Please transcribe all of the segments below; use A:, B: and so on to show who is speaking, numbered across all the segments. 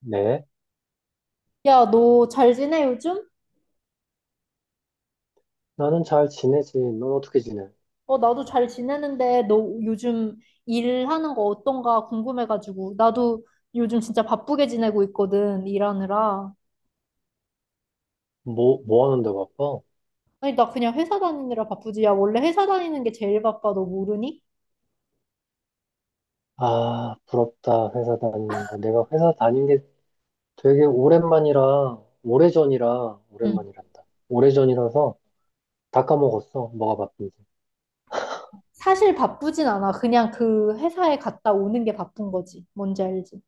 A: 네,
B: 야, 너 잘 지내, 요즘?
A: 나는 잘 지내지. 넌 어떻게 지내?
B: 어, 나도 잘 지내는데, 너 요즘 일하는 거 어떤가 궁금해가지고. 나도 요즘 진짜 바쁘게 지내고 있거든, 일하느라.
A: 뭐, 뭐 하는데 바빠?
B: 아니, 나 그냥 회사 다니느라 바쁘지. 야, 원래 회사 다니는 게 제일 바빠, 너 모르니?
A: 아, 부럽다. 회사 다니는 거. 내가 회사 다닌 게 되게 오랜만이라, 오래전이라,
B: 응.
A: 오랜만이란다. 오래전이라서 다 까먹었어. 뭐가 바쁜지.
B: 사실 바쁘진 않아. 그냥 그 회사에 갔다 오는 게 바쁜 거지. 뭔지 알지?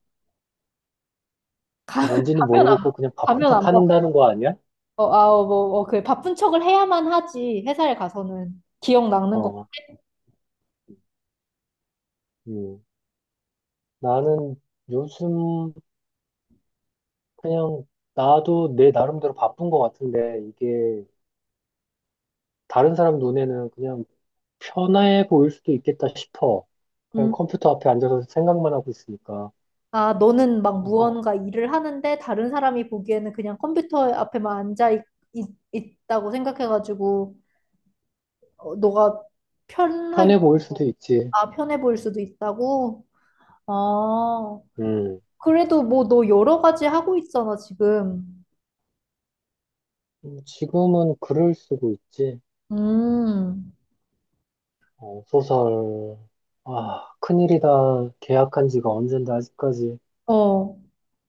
A: 뭔지는
B: 가면 안
A: 모르겠고, 그냥 바쁜
B: 가면 안
A: 척
B: 바빠.
A: 하는다는 거 아니야?
B: 그 바쁜 척을 해야만 하지, 회사에 가서는. 기억 낚는 거.
A: 어, 음. 나는 요즘 그냥 나도 내 나름대로 바쁜 것 같은데, 이게 다른 사람 눈에는 그냥 편해 보일 수도 있겠다 싶어. 그냥 컴퓨터 앞에 앉아서 생각만 하고 있으니까.
B: 아, 너는 막
A: 어,
B: 무언가 일을 하는데 다른 사람이 보기에는 그냥 컴퓨터 앞에만 앉아 있, 있, 다고 생각해가지고 어, 너가 편하게,
A: 편해 보일 수도 있지.
B: 아, 편해 보일 수도 있다고? 아,
A: 음,
B: 그래도 뭐 너 여러 가지 하고 있잖아, 지금.
A: 지금은 글을 쓰고 있지.
B: 음,
A: 어, 소설. 아, 큰일이다. 계약한 지가 언젠데 아직까지
B: 어.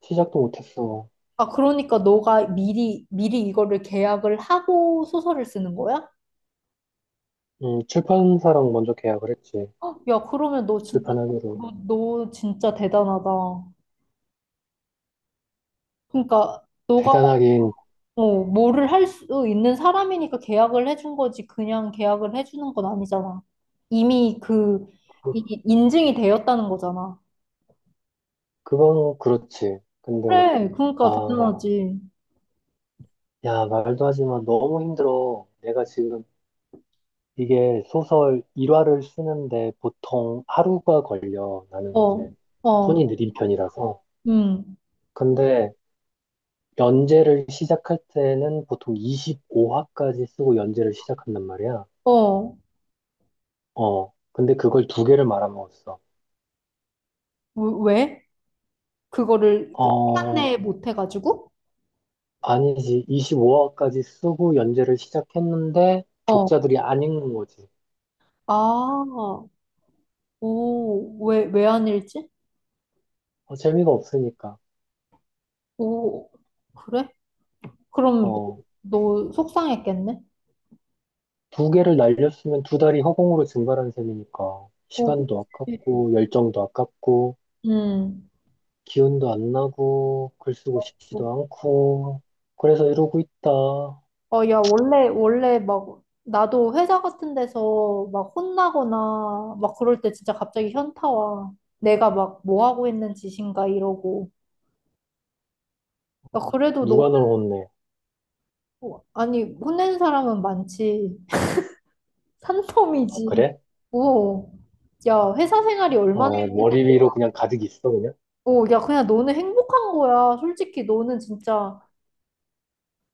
A: 시작도 못했어.
B: 아, 그러니까 너가 미리 이거를 계약을 하고 소설을 쓰는 거야?
A: 출판사랑 먼저 계약을 했지.
B: 야, 그러면 너 진짜,
A: 출판하기로.
B: 너 진짜 대단하다. 그러니까 너가
A: 대단하긴,
B: 뭐를 할 수 있는 사람이니까 계약을 해준 거지. 그냥 계약을 해주는 건 아니잖아. 이미 그,
A: 그,
B: 이, 인증이 되었다는 거잖아.
A: 그건 그렇지. 근데,
B: 그래, 그러니까
A: 아,
B: 대단하지.
A: 야, 말도 하지 마. 너무 힘들어. 내가 지금 이게 소설 1화를 쓰는데 보통 하루가 걸려. 나는
B: 어,
A: 이제
B: 어,
A: 손이 느린 편이라서.
B: 음,
A: 근데 연재를 시작할 때는 보통 25화까지 쓰고 연재를 시작한단 말이야.
B: 어,
A: 어, 근데 그걸 두 개를 말아먹었어.
B: 왜? 그거를 그 시간
A: 어,
B: 내에 못 해가지고?
A: 아니지. 25화까지 쓰고 연재를 시작했는데
B: 어,
A: 독자들이 안 읽는 거지.
B: 아, 오, 왜 안 일지?
A: 어, 재미가 없으니까.
B: 오, 그래? 그럼
A: 어,
B: 너 속상했겠네?
A: 두 개를 날렸으면 두 달이 허공으로 증발한 셈이니까
B: 오,
A: 시간도
B: 그치.
A: 아깝고 열정도 아깝고
B: 음.
A: 기운도 안 나고, 글 쓰고 싶지도 않고, 그래서 이러고 있다.
B: 어, 야, 원래 막, 나도 회사 같은 데서 막 혼나거나 막 그럴 때 진짜 갑자기 현타 와. 내가 막 뭐 하고 있는 짓인가 이러고. 야, 그래도 너무,
A: 누가 널 혼내?
B: 아니, 혼낸 사람은 많지.
A: 아,
B: 산더미지.
A: 그래?
B: 오. 야, 회사 생활이 얼마나,
A: 어, 머리 위로 그냥 가득 있어, 그냥?
B: 오, 야, 그냥 너는 행복한 거야. 솔직히 너는 진짜,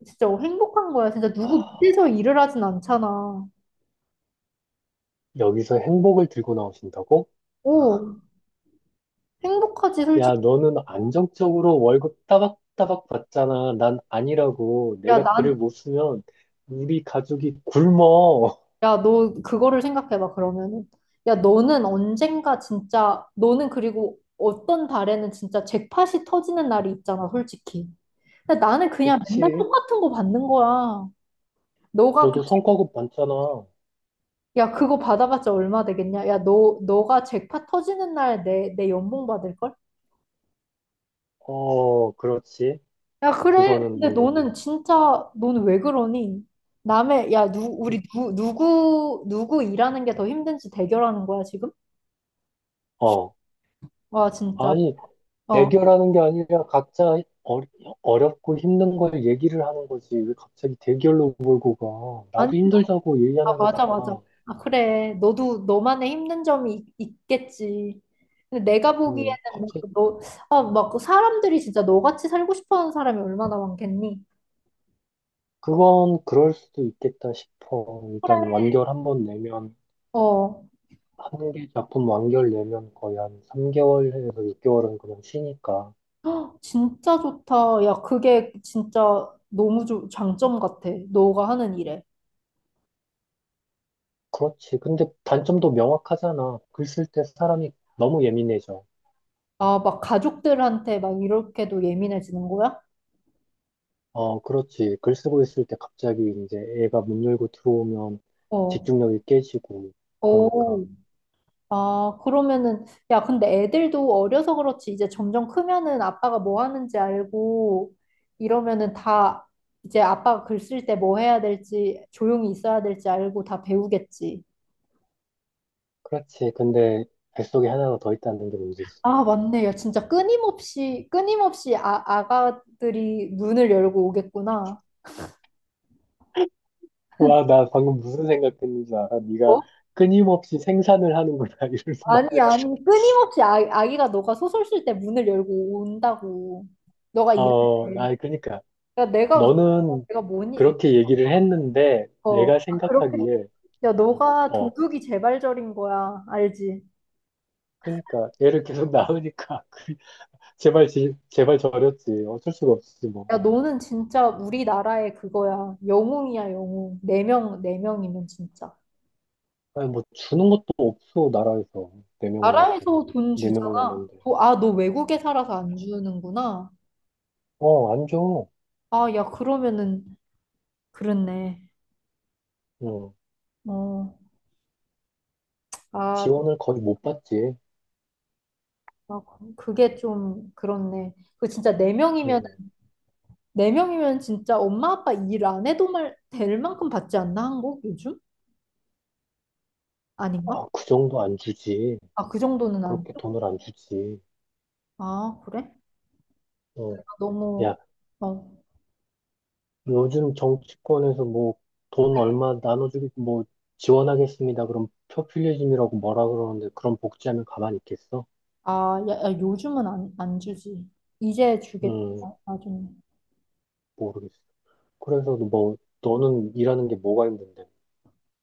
B: 진짜 행복한 거야. 진짜 누구 밑에서 일을 하진 않잖아.
A: 여기서 행복을 들고 나오신다고?
B: 오, 행복하지,
A: 야,
B: 솔직히.
A: 너는 안정적으로 월급 따박따박 받잖아. 난 아니라고.
B: 야,
A: 내가
B: 난,
A: 글을 못 쓰면 우리 가족이 굶어.
B: 야, 너 그거를 생각해봐, 그러면은. 야, 너는 언젠가 진짜, 너는 그리고 어떤 달에는 진짜 잭팟이 터지는 날이 있잖아, 솔직히. 근데 나는 그냥 맨날
A: 그렇지?
B: 똑같은 거 받는 거야. 너가, 그-
A: 너도 성과급 받잖아.
B: 야, 그거 받아봤자 얼마 되겠냐? 야, 너, 너가 잭팟 터지는 날 내 연봉 받을걸?
A: 어, 그렇지.
B: 야, 그래. 근데
A: 그거는,
B: 너는 진짜, 너는 왜 그러니? 남의, 야, 누,
A: 음,
B: 우리 누, 누구, 누구 일하는 게 더 힘든지 대결하는 거야, 지금?
A: 어.
B: 와, 진짜.
A: 아니,
B: 어.
A: 대결하는 게 아니라 각자 어, 어렵고 힘든 걸 얘기를 하는 거지. 왜 갑자기 대결로 몰고 가?
B: 아니
A: 나도 힘들다고
B: 아,
A: 얘기하는
B: 맞아.
A: 거잖아.
B: 아, 그래. 너도 너만의 힘든 점이 있, 겠지 근데 내가 보기에는 막
A: 갑자기
B: 너, 아, 막그 사람들이 진짜 너같이 살고 싶어 하는 사람이 얼마나 많겠니?
A: 그건 그럴 수도 있겠다 싶어.
B: 그래.
A: 일단 완결 한번 내면
B: 어.
A: 한 개 작품 완결 내면 거의 한 3개월에서 6개월은 그냥 쉬니까.
B: 헉, 진짜 좋다. 야, 그게 진짜 너무 좋 장점 같아. 너가 하는 일에.
A: 그렇지. 근데 단점도 명확하잖아. 글 쓸 때 사람이 너무 예민해져.
B: 아, 막 가족들한테 막 이렇게도 예민해지는 거야?
A: 어, 그렇지. 글 쓰고 있을 때 갑자기 이제 애가 문 열고 들어오면
B: 어.
A: 집중력이 깨지고, 그러니까.
B: 오. 아, 그러면은, 야, 근데 애들도 어려서 그렇지, 이제 점점 크면은 아빠가 뭐 하는지 알고, 이러면은 다, 이제 아빠가 글 쓸 때 뭐 해야 될지, 조용히 있어야 될지 알고 다 배우겠지.
A: 그렇지. 근데 뱃속에 하나가 더 있다는 게 문제지.
B: 아, 맞네. 야, 진짜 끊임없이 아, 아가들이 문을 열고 오겠구나.
A: 와, 나 방금 무슨 생각했는지 알아? 네가
B: 어?
A: 끊임없이 생산을 하는구나, 이러면서
B: 아니,
A: 말할 줄
B: 아니, 끊임없이 아, 아기가 너가 소설 쓸 때 문을 열고 온다고. 너가
A: 알아.
B: 일할
A: 어,
B: 때.
A: 아, 그러니까.
B: 야, 내가,
A: 너는
B: 내가 뭐니,
A: 그렇게 얘기를 했는데,
B: 어,
A: 내가
B: 아, 그렇게.
A: 생각하기에,
B: 야,
A: 어,
B: 너가
A: 어,
B: 도둑이 재발절인 거야. 알지?
A: 그러니까, 애를 계속 낳으니까, 제발, 제발 저렸지. 어쩔 수가 없지, 뭐.
B: 야, 너는 진짜 우리나라의 그거야. 영웅이야, 영웅. 네 명이면 진짜.
A: 아니, 뭐, 주는 것도 없어, 나라에서. 네 명을나서
B: 나라에서 돈
A: 네 명을나
B: 주잖아.
A: 는데
B: 도, 아, 너 외국에 살아서 안 주는구나.
A: 어, 안 줘.
B: 아, 야, 그러면은, 그렇네.
A: 응.
B: 어, 아,
A: 지원을 거의 못 받지.
B: 아, 그게 좀, 그렇네. 그 진짜 네 명이면,
A: 응.
B: 네 명이면 진짜 엄마 아빠 일 안 해도 말, 될 만큼 받지 않나, 한국 요즘? 아닌가?
A: 아, 그 정도 안 주지.
B: 아, 그 정도는 아니야.
A: 그렇게 돈을 안 주지.
B: 아, 그래?
A: 응.
B: 너무,
A: 야,
B: 어,
A: 요즘 정치권에서 뭐, 돈 얼마 나눠주기, 뭐, 지원하겠습니다. 그럼 포퓰리즘이라고 뭐라 그러는데, 그런 복지하면 가만히 있겠어?
B: 아, 야, 요즘은 안 주지. 이제 주겠다,
A: 응,
B: 나중에.
A: 모르겠어. 그래서 뭐, 너는 일하는 게 뭐가 힘든데.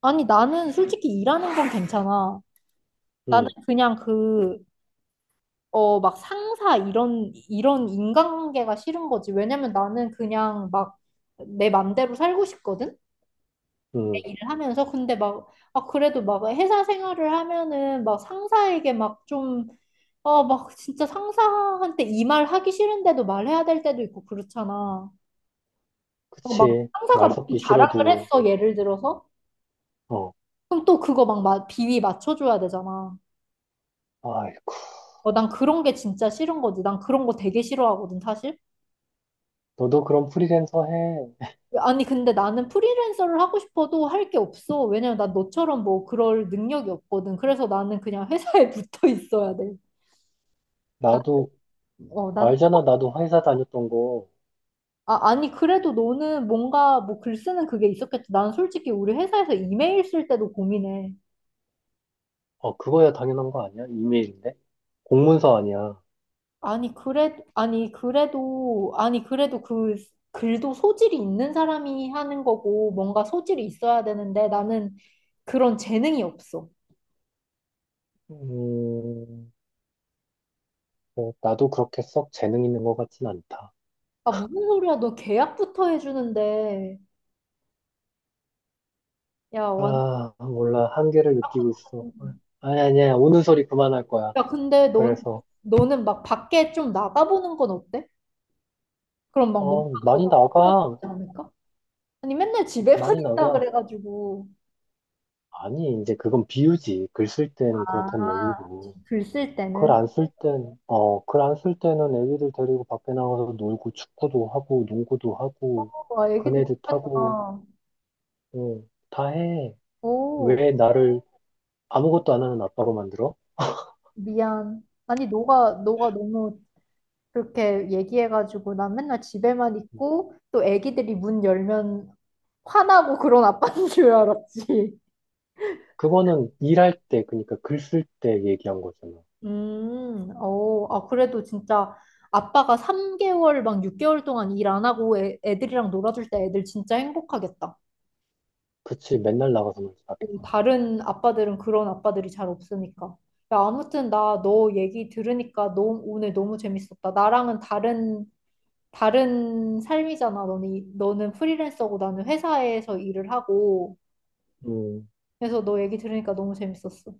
B: 아니, 나는 솔직히 일하는 건 괜찮아. 나는
A: 응,
B: 그냥 그, 어, 막 상사 이런 인간관계가 싫은 거지. 왜냐면 나는 그냥 막 내 맘대로 살고 싶거든? 내
A: 응.
B: 일을 하면서. 근데 막, 아, 그래도 막 회사 생활을 하면은 막 상사에게 막 좀, 어, 막 진짜 상사한테 이 말 하기 싫은데도 말해야 될 때도 있고 그렇잖아. 어, 막
A: 그치.
B: 상사가
A: 말
B: 막
A: 섞기
B: 자랑을
A: 싫어도.
B: 했어, 예를 들어서.
A: 어.
B: 그럼 또 그거 막 마- 비위 맞춰줘야 되잖아.
A: 아이고,
B: 어, 난 그런 게 진짜 싫은 거지. 난 그런 거 되게 싫어하거든, 사실.
A: 너도 그럼 프리랜서 해.
B: 아니, 근데 나는 프리랜서를 하고 싶어도 할 게 없어. 왜냐면 난 너처럼 뭐 그럴 능력이 없거든. 그래서 나는 그냥 회사에 붙어 있어야 돼. 나,
A: 나도,
B: 어, 난,
A: 알잖아. 나도 회사 다녔던 거.
B: 아, 아니, 그래도 너는 뭔가 뭐 글 쓰는 그게 있었겠지. 난 솔직히 우리 회사에서 이메일 쓸 때도 고민해.
A: 어, 그거야 당연한 거 아니야? 이메일인데? 공문서 아니야.
B: 아니, 그래도 그 글도 소질이 있는 사람이 하는 거고, 뭔가 소질이 있어야 되는데, 나는 그런 재능이 없어.
A: 음, 뭐, 나도 그렇게 썩 재능 있는 것 같진 않다.
B: 아, 무슨 소리야. 너 계약부터 해주는데. 야, 완,
A: 아, 몰라. 한계를 느끼고 있어. 아니, 아니야. 우는 소리 그만할 거야.
B: 야, 근데 넌,
A: 그래서,
B: 너는 막 밖에 좀 나가보는 건 어때? 그럼 막 뭔가
A: 어,
B: 더
A: 많이
B: 떨어지지
A: 나가.
B: 않을까? 아니, 맨날 집에만
A: 많이
B: 있다
A: 나가.
B: 그래가지고.
A: 아니, 이제 그건 비유지. 글 쓸 때는 그렇단
B: 아,
A: 얘기고.
B: 글 쓸
A: 글
B: 때는.
A: 안 쓸 땐, 어, 글 안 쓸 때는 애기들 데리고 밖에 나가서 놀고 축구도 하고 농구도 하고
B: 와, 애기들
A: 그네도 타고
B: 좋겠다.
A: 어, 다 해.
B: 오.
A: 왜 나를 아무것도 안 하는 아빠로 만들어?
B: 미안. 아니, 너가 너무 그렇게 얘기해가지고 난 맨날 집에만
A: 음.
B: 있고 또 애기들이 문 열면 화나고 그런 아빠인 줄 알았지.
A: 그거는 일할 때, 그러니까 글 쓸 때 얘기한 거잖아.
B: 어, 아, 그래도 진짜 아빠가 3개월 막 6개월 동안 일 안 하고 애, 애들이랑 놀아줄 때 애들 진짜 행복하겠다.
A: 그치, 맨날 나가서 놀지 밖에서.
B: 다른 아빠들은 그런 아빠들이 잘 없으니까. 야, 아무튼 나 너 얘기 들으니까 너, 오늘 너무 재밌었다. 나랑은 다른 다른 삶이잖아. 너는 프리랜서고 나는 회사에서 일을 하고.
A: 음,
B: 그래서 너 얘기 들으니까 너무 재밌었어.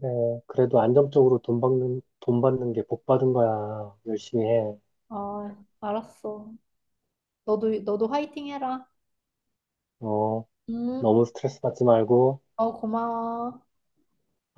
A: 그래. 그래도 안정적으로 돈 받는, 돈 받는 게 복 받은 거야. 열심히 해.
B: 아, 알았어. 너도 화이팅 해라.
A: 어,
B: 음,
A: 너무 스트레스 받지 말고.
B: 어, 고마워.